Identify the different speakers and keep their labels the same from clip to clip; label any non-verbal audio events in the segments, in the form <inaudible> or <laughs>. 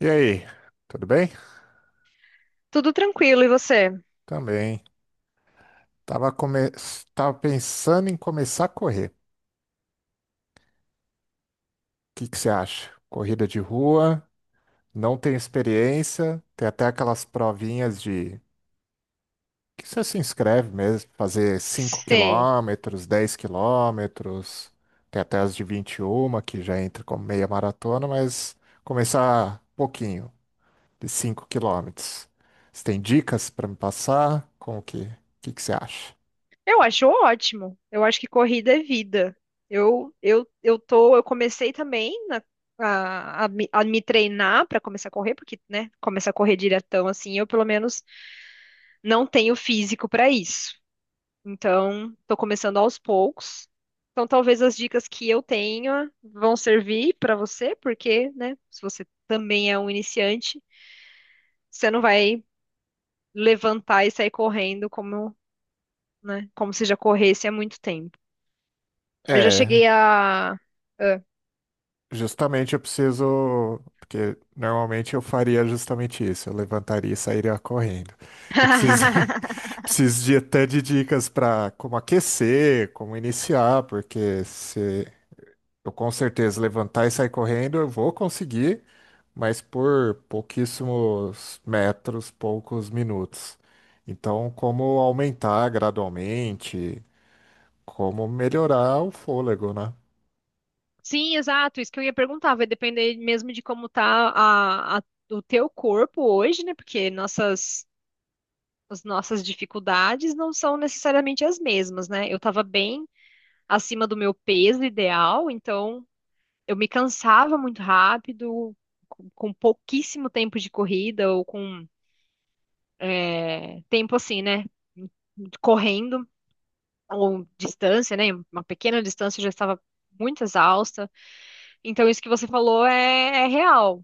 Speaker 1: E aí, tudo bem?
Speaker 2: Tudo tranquilo, e você?
Speaker 1: Também. Tava, come... Tava pensando em começar a correr. O que que você acha? Corrida de rua, não tenho experiência, tem até aquelas provinhas de que você se inscreve mesmo, fazer cinco
Speaker 2: Sei.
Speaker 1: quilômetros, 10 quilômetros, tem até as de 21 quilômetros que já entra como meia maratona, mas começar pouquinho, de 5 quilômetros. Você tem dicas para me passar? Como que, o que que você acha?
Speaker 2: Eu acho ótimo. Eu acho que corrida é vida. Eu comecei também a me treinar para começar a correr, porque, né, começar a correr diretão assim, eu pelo menos não tenho físico para isso. Então, tô começando aos poucos. Então, talvez as dicas que eu tenha vão servir para você, porque, né, se você também é um iniciante, você não vai levantar e sair correndo como né? Como se já corresse há muito tempo. Eu já
Speaker 1: É.
Speaker 2: cheguei a. Ah.
Speaker 1: Justamente eu preciso, porque normalmente eu faria justamente isso, eu levantaria e sairia correndo. Eu preciso, <laughs>
Speaker 2: <laughs>
Speaker 1: preciso de até de dicas para como aquecer, como iniciar, porque se eu com certeza levantar e sair correndo, eu vou conseguir, mas por pouquíssimos metros, poucos minutos. Então, como aumentar gradualmente, como melhorar o fôlego, né?
Speaker 2: Sim, exato, isso que eu ia perguntar, vai depender mesmo de como tá o teu corpo hoje, né? Porque as nossas dificuldades não são necessariamente as mesmas, né? Eu tava bem acima do meu peso ideal, então eu me cansava muito rápido, com pouquíssimo tempo de corrida, ou com tempo assim, né? Correndo, ou distância, né? Uma pequena distância eu já estava muito exausta. Então, isso que você falou é real,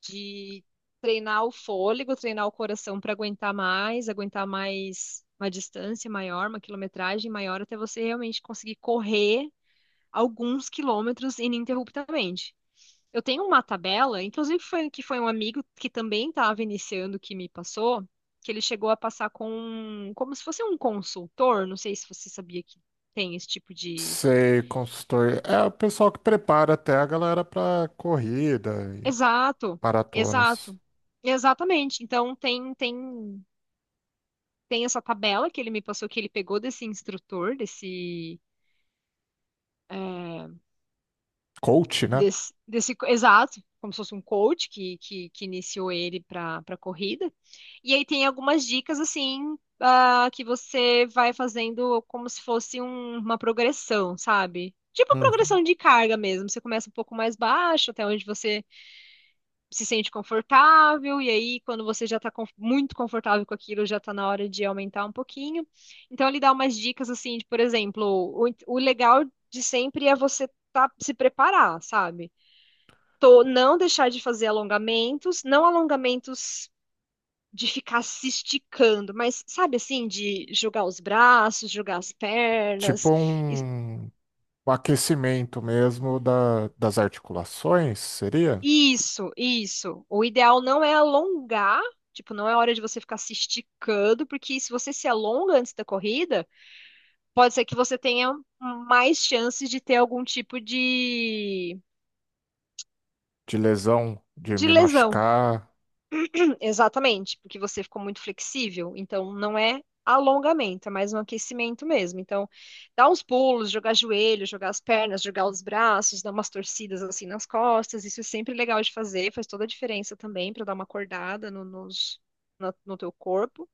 Speaker 2: de treinar o fôlego, treinar o coração para aguentar mais uma distância maior, uma quilometragem maior, até você realmente conseguir correr alguns quilômetros ininterruptamente. Eu tenho uma tabela, inclusive foi um amigo que também estava iniciando que me passou, que ele chegou a passar como se fosse um consultor, não sei se você sabia que tem esse tipo de.
Speaker 1: Sei, consultor. É o pessoal que prepara até a galera pra corrida e
Speaker 2: Exato,
Speaker 1: maratonas.
Speaker 2: exato. Exatamente. Então tem essa tabela que ele me passou que ele pegou desse instrutor, desse eh,
Speaker 1: Coach, né?
Speaker 2: desse, desse exato, como se fosse um coach que, que iniciou ele para corrida. E aí tem algumas dicas assim que você vai fazendo como se fosse uma progressão, sabe? Tipo
Speaker 1: Uhum.
Speaker 2: progressão de carga mesmo. Você começa um pouco mais baixo, até onde você se sente confortável, e aí quando você já está muito confortável com aquilo, já está na hora de aumentar um pouquinho. Então ele dá umas dicas assim, de, por exemplo, o legal de sempre é você tá, se preparar, sabe? Tô não deixar de fazer alongamentos, não alongamentos de ficar se esticando, mas sabe assim, de jogar os braços, jogar as
Speaker 1: Tipo
Speaker 2: pernas. Is-
Speaker 1: um, um aquecimento mesmo da, das articulações, seria?
Speaker 2: Isso, isso. O ideal não é alongar, tipo, não é hora de você ficar se esticando, porque se você se alonga antes da corrida, pode ser que você tenha mais chances de ter algum tipo de,
Speaker 1: De lesão, de
Speaker 2: de
Speaker 1: me
Speaker 2: lesão.
Speaker 1: machucar.
Speaker 2: Exatamente, porque você ficou muito flexível, então não é alongamento, é mais um aquecimento mesmo. Então, dá uns pulos, jogar joelho, jogar as pernas, jogar os braços, dar umas torcidas assim nas costas, isso é sempre legal de fazer, faz toda a diferença também para dar uma acordada no teu corpo.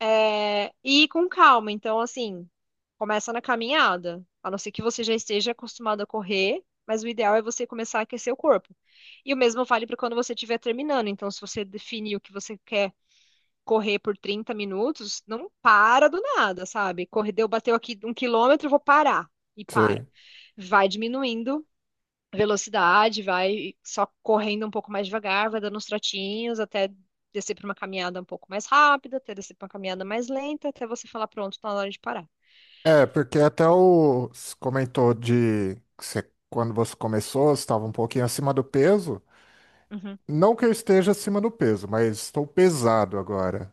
Speaker 2: É, e ir com calma. Então, assim, começa na caminhada. A não ser que você já esteja acostumado a correr, mas o ideal é você começar a aquecer o corpo. E o mesmo vale para quando você estiver terminando. Então, se você definiu que você quer correr por 30 minutos, não para do nada, sabe? Correu, bateu aqui um quilômetro, vou parar. E para.
Speaker 1: Sei.
Speaker 2: Vai diminuindo velocidade, vai só correndo um pouco mais devagar, vai dando uns trotinhos até descer para uma caminhada um pouco mais rápida, até descer para uma caminhada mais lenta, até você falar, pronto, tá na hora de parar.
Speaker 1: É, porque até o você comentou de que você- quando você começou, você estava um pouquinho acima do peso.
Speaker 2: Uhum.
Speaker 1: Não que eu esteja acima do peso, mas estou pesado agora.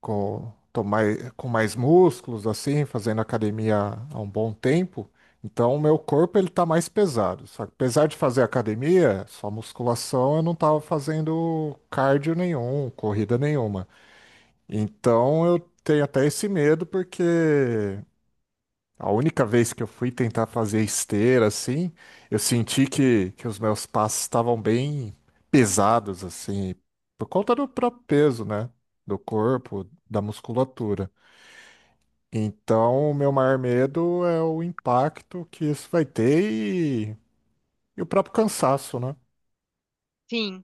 Speaker 1: Tô mais, com mais músculos, assim, fazendo academia há um bom tempo. Então, o meu corpo ele tá mais pesado. Só que apesar de fazer academia, só musculação, eu não tava fazendo cardio nenhum, corrida nenhuma. Então, eu tenho até esse medo, porque a única vez que eu fui tentar fazer esteira, assim, eu senti que os meus passos estavam bem pesados, assim, por conta do próprio peso, né? Do corpo, da musculatura. Então, o meu maior medo é o impacto que isso vai ter e, e o próprio cansaço, né?
Speaker 2: Sim,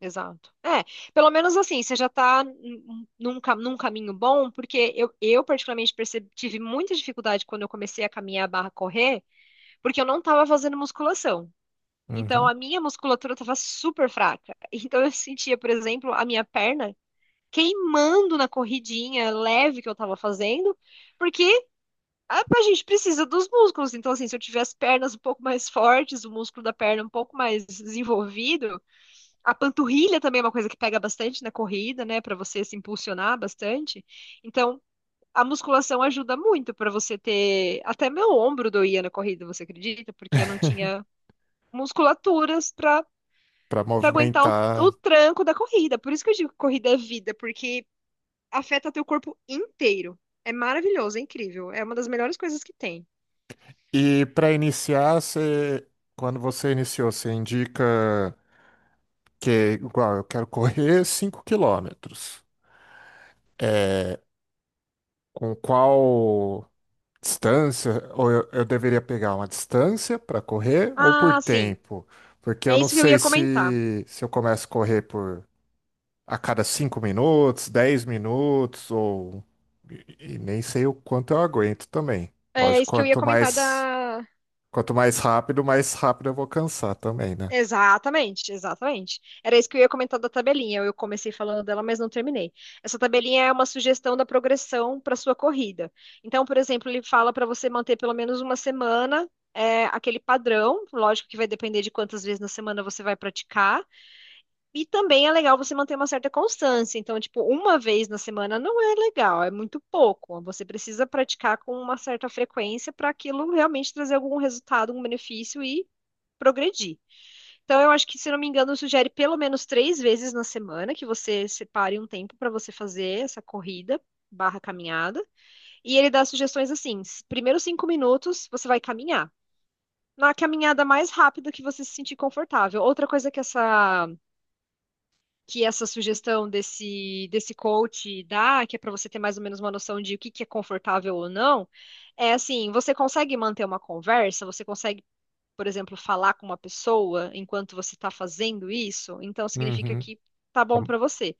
Speaker 2: exato. É, pelo menos assim, você já tá num caminho bom, porque eu particularmente percebi, tive muita dificuldade quando eu comecei a caminhar barra correr, porque eu não estava fazendo musculação. Então,
Speaker 1: Uhum.
Speaker 2: a minha musculatura estava super fraca. <laughs> Então, eu sentia, por exemplo, a minha perna queimando na corridinha leve que eu tava fazendo, porque a gente precisa dos músculos. Então, assim, se eu tiver as pernas um pouco mais fortes, o músculo da perna um pouco mais desenvolvido, a panturrilha também é uma coisa que pega bastante na corrida, né, pra você se impulsionar bastante. Então, a musculação ajuda muito pra você ter. Até meu ombro doía na corrida, você acredita? Porque eu não tinha musculaturas pra
Speaker 1: Para
Speaker 2: para aguentar o,
Speaker 1: movimentar.
Speaker 2: o tranco da corrida. Por isso que eu digo que corrida é vida, porque afeta teu corpo inteiro. É maravilhoso, é incrível. É uma das melhores coisas que tem.
Speaker 1: E para iniciar, você, quando você iniciou, você indica que, igual, eu quero correr 5 quilômetros. Com qual distância? Ou eu deveria pegar uma distância para correr ou por
Speaker 2: Ah, sim.
Speaker 1: tempo? Porque
Speaker 2: É
Speaker 1: eu não
Speaker 2: isso que eu
Speaker 1: sei
Speaker 2: ia comentar.
Speaker 1: se eu começo a correr por a cada 5 minutos, 10 minutos, ou. E nem sei o quanto eu aguento também.
Speaker 2: É
Speaker 1: Lógico,
Speaker 2: isso que eu ia comentar da.
Speaker 1: quanto mais rápido eu vou cansar também, né?
Speaker 2: Exatamente, exatamente. Era isso que eu ia comentar da tabelinha. Eu comecei falando dela, mas não terminei. Essa tabelinha é uma sugestão da progressão para sua corrida. Então, por exemplo, ele fala para você manter pelo menos uma semana aquele padrão. Lógico que vai depender de quantas vezes na semana você vai praticar. E também é legal você manter uma certa constância. Então, tipo, uma vez na semana não é legal, é muito pouco. Você precisa praticar com uma certa frequência para aquilo realmente trazer algum resultado, algum benefício e progredir. Então, eu acho que, se não me engano, sugere pelo menos 3 vezes na semana que você separe um tempo para você fazer essa corrida barra caminhada. E ele dá sugestões assim: primeiros 5 minutos você vai caminhar. Na caminhada mais rápida que você se sentir confortável. Outra coisa que essa sugestão desse coach dá, que é para você ter mais ou menos uma noção de o que que é confortável ou não, é assim, você consegue manter uma conversa, você consegue, por exemplo, falar com uma pessoa enquanto você está fazendo isso, então significa
Speaker 1: Uhum.
Speaker 2: que tá bom para você.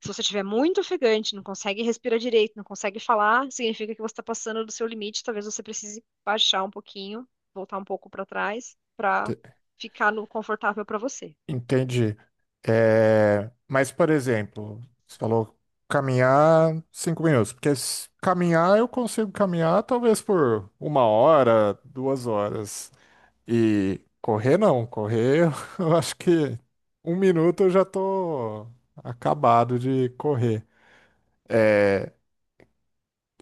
Speaker 2: Se você estiver muito ofegante, não consegue respirar direito, não consegue falar, significa que você está passando do seu limite, talvez você precise baixar um pouquinho, voltar um pouco para trás, para
Speaker 1: Te-
Speaker 2: ficar no confortável para você.
Speaker 1: Entendi. É, mas, por exemplo, você falou caminhar 5 minutos, porque se caminhar eu consigo caminhar talvez por uma hora, 2 horas. E correr não, correr <laughs> eu acho que um minuto eu já tô acabado de correr. É,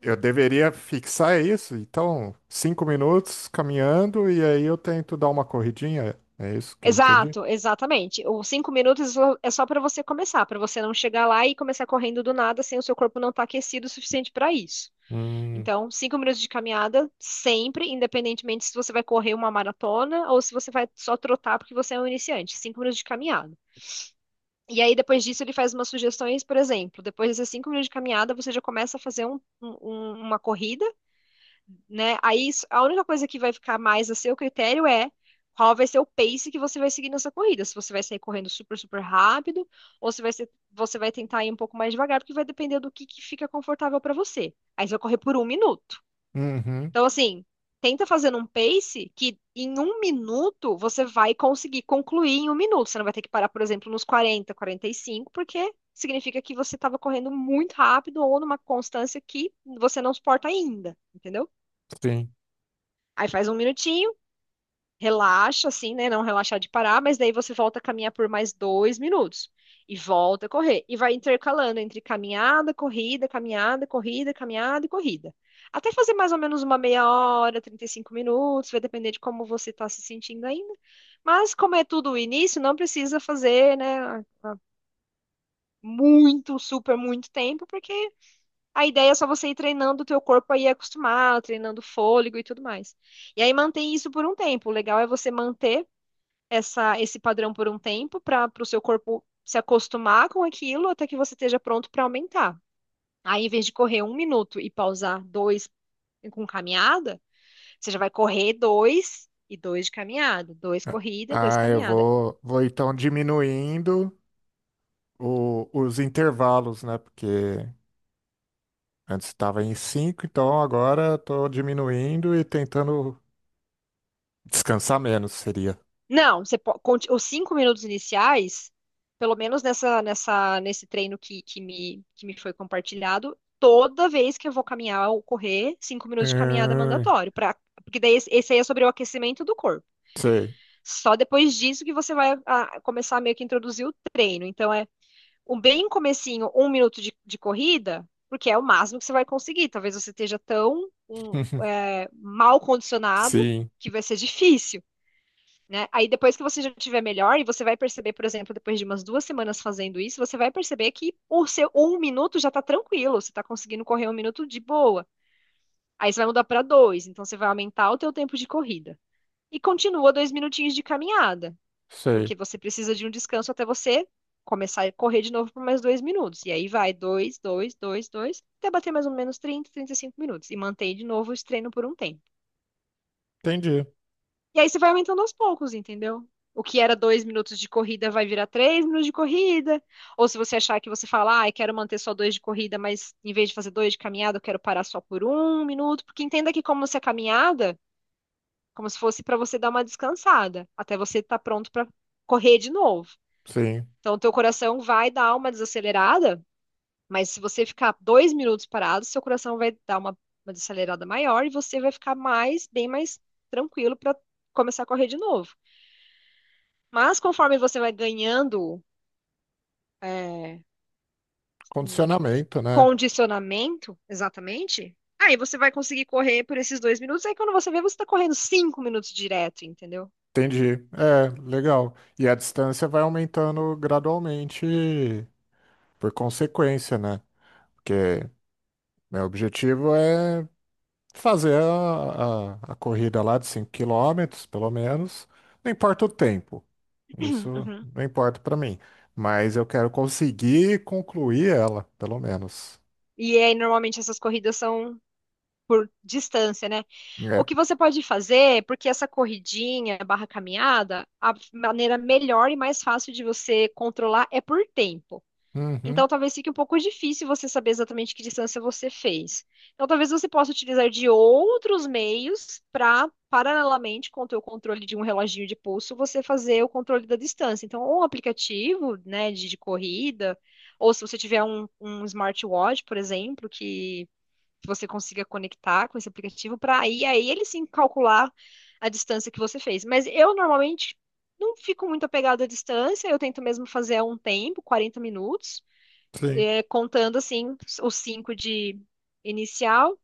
Speaker 1: eu deveria fixar isso, então 5 minutos caminhando e aí eu tento dar uma corridinha, é isso que eu entendi?
Speaker 2: Exato, exatamente. Os 5 minutos é só para você começar, para você não chegar lá e começar correndo do nada sem o seu corpo não estar aquecido o suficiente para isso.
Speaker 1: Hum,
Speaker 2: Então, 5 minutos de caminhada sempre, independentemente se você vai correr uma maratona ou se você vai só trotar porque você é um iniciante. 5 minutos de caminhada. E aí, depois disso, ele faz umas sugestões, por exemplo, depois desses 5 minutos de caminhada, você já começa a fazer uma corrida né? Aí a única coisa que vai ficar mais a seu critério é qual vai ser o pace que você vai seguir nessa corrida. Se você vai sair correndo super, super rápido, ou se vai ser, você vai tentar ir um pouco mais devagar, porque vai depender do que fica confortável para você. Aí você vai correr por um minuto.
Speaker 1: uhum,
Speaker 2: Então, assim, tenta fazer um pace que em um minuto você vai conseguir concluir em um minuto. Você não vai ter que parar, por exemplo, nos quarenta e cinco porque significa que você estava correndo muito rápido ou numa constância que você não suporta ainda, entendeu?
Speaker 1: sim.
Speaker 2: Aí faz um minutinho, relaxa, assim, né? Não relaxar de parar, mas daí você volta a caminhar por mais 2 minutos. E volta a correr. E vai intercalando entre caminhada, corrida, caminhada, corrida, caminhada e corrida. Até fazer mais ou menos uma meia hora, 35 minutos, vai depender de como você está se sentindo ainda. Mas como é tudo o início, não precisa fazer, né, muito, super, muito tempo, porque a ideia é só você ir treinando o teu corpo aí acostumar, treinando fôlego e tudo mais. E aí mantém isso por um tempo. O legal é você manter esse padrão por um tempo para o seu corpo se acostumar com aquilo até que você esteja pronto para aumentar. Aí, em vez de correr um minuto e pausar dois com caminhada, você já vai correr dois e dois de caminhada, dois
Speaker 1: Ah,
Speaker 2: corrida, dois
Speaker 1: ah, eu
Speaker 2: caminhada.
Speaker 1: vou então diminuindo os intervalos, né? Porque antes estava em cinco, então agora estou diminuindo e tentando descansar menos seria.
Speaker 2: Não, você os 5 minutos iniciais, pelo menos nesse treino que me foi compartilhado, toda vez que eu vou caminhar ou correr, 5 minutos de caminhada é
Speaker 1: Hum,
Speaker 2: mandatório, porque daí esse aí é sobre o aquecimento do corpo.
Speaker 1: sei.
Speaker 2: Só depois disso que você vai começar meio que a introduzir o treino. Então é um bem comecinho, um minuto de corrida, porque é o máximo que você vai conseguir. Talvez você esteja tão
Speaker 1: <laughs>
Speaker 2: mal condicionado
Speaker 1: Sim,
Speaker 2: que vai ser difícil né? Aí depois que você já tiver melhor, e você vai perceber, por exemplo, depois de umas 2 semanas fazendo isso, você vai perceber que o seu um minuto já tá tranquilo, você tá conseguindo correr um minuto de boa. Aí você vai mudar para dois, então você vai aumentar o teu tempo de corrida. E continua dois minutinhos de caminhada,
Speaker 1: sei.
Speaker 2: porque você precisa de um descanso até você começar a correr de novo por mais 2 minutos. E aí vai dois, dois, dois, dois, até bater mais ou menos 30, 35 minutos. E mantém de novo o treino por um tempo.
Speaker 1: Entendi.
Speaker 2: E aí você vai aumentando aos poucos, entendeu? O que era 2 minutos de corrida vai virar 3 minutos de corrida. Ou se você achar que você fala, ah, eu quero manter só dois de corrida, mas em vez de fazer dois de caminhada, eu quero parar só por um minuto. Porque entenda que como se fosse para você dar uma descansada, até você estar pronto para correr de novo.
Speaker 1: Sim.
Speaker 2: Então, o teu coração vai dar uma desacelerada, mas se você ficar 2 minutos parado, seu coração vai dar uma desacelerada maior e você vai ficar mais, bem mais tranquilo para começar a correr de novo. Mas conforme você vai ganhando é, hum,
Speaker 1: Condicionamento, né?
Speaker 2: condicionamento, exatamente, aí você vai conseguir correr por esses 2 minutos. Aí quando você vê, você está correndo 5 minutos direto, entendeu?
Speaker 1: Entendi. É, legal. E a distância vai aumentando gradualmente por consequência, né? Porque meu objetivo é fazer a corrida lá de 5 quilômetros pelo menos. Não importa o tempo.
Speaker 2: <clears throat>
Speaker 1: Isso
Speaker 2: Uhum.
Speaker 1: não importa para mim. Mas eu quero conseguir concluir ela, pelo menos.
Speaker 2: E aí, normalmente, essas corridas são por distância, né? O
Speaker 1: É.
Speaker 2: que você pode fazer, porque essa corridinha barra caminhada, a maneira melhor e mais fácil de você controlar é por tempo.
Speaker 1: Uhum,
Speaker 2: Então, talvez fique um pouco difícil você saber exatamente que distância você fez. Então, talvez você possa utilizar de outros meios para, paralelamente com o teu controle de um reloginho de pulso, você fazer o controle da distância. Então, ou um aplicativo, né, de corrida, ou se você tiver um smartwatch, por exemplo, que você consiga conectar com esse aplicativo para aí ele sim calcular a distância que você fez. Mas eu normalmente não fico muito apegado à distância, eu tento mesmo fazer a um tempo, 40 minutos
Speaker 1: sim.
Speaker 2: contando assim os cinco de inicial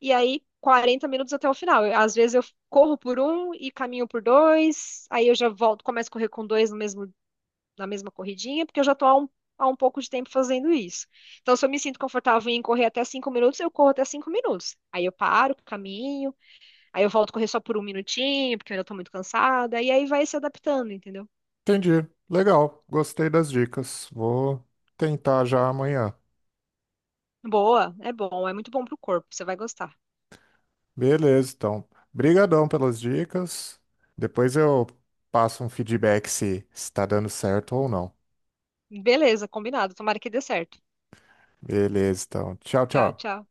Speaker 2: e aí 40 minutos até o final. Às vezes eu corro por um e caminho por dois, aí eu já volto, começo a correr com dois no mesmo, na mesma corridinha, porque eu já estou há um pouco de tempo fazendo isso. Então, se eu me sinto confortável em correr até 5 minutos, eu corro até 5 minutos. Aí eu paro, caminho, aí eu volto a correr só por um minutinho, porque eu ainda estou muito cansada, e aí vai se adaptando, entendeu?
Speaker 1: Entendi. Legal. Gostei das dicas. Vou tentar já amanhã.
Speaker 2: Boa, é bom, é muito bom pro corpo, você vai gostar.
Speaker 1: Beleza, então. Brigadão pelas dicas. Depois eu passo um feedback se está dando certo ou não.
Speaker 2: Beleza, combinado, tomara que dê certo.
Speaker 1: Beleza, então. Tchau,
Speaker 2: Tchau,
Speaker 1: tchau.
Speaker 2: tchau.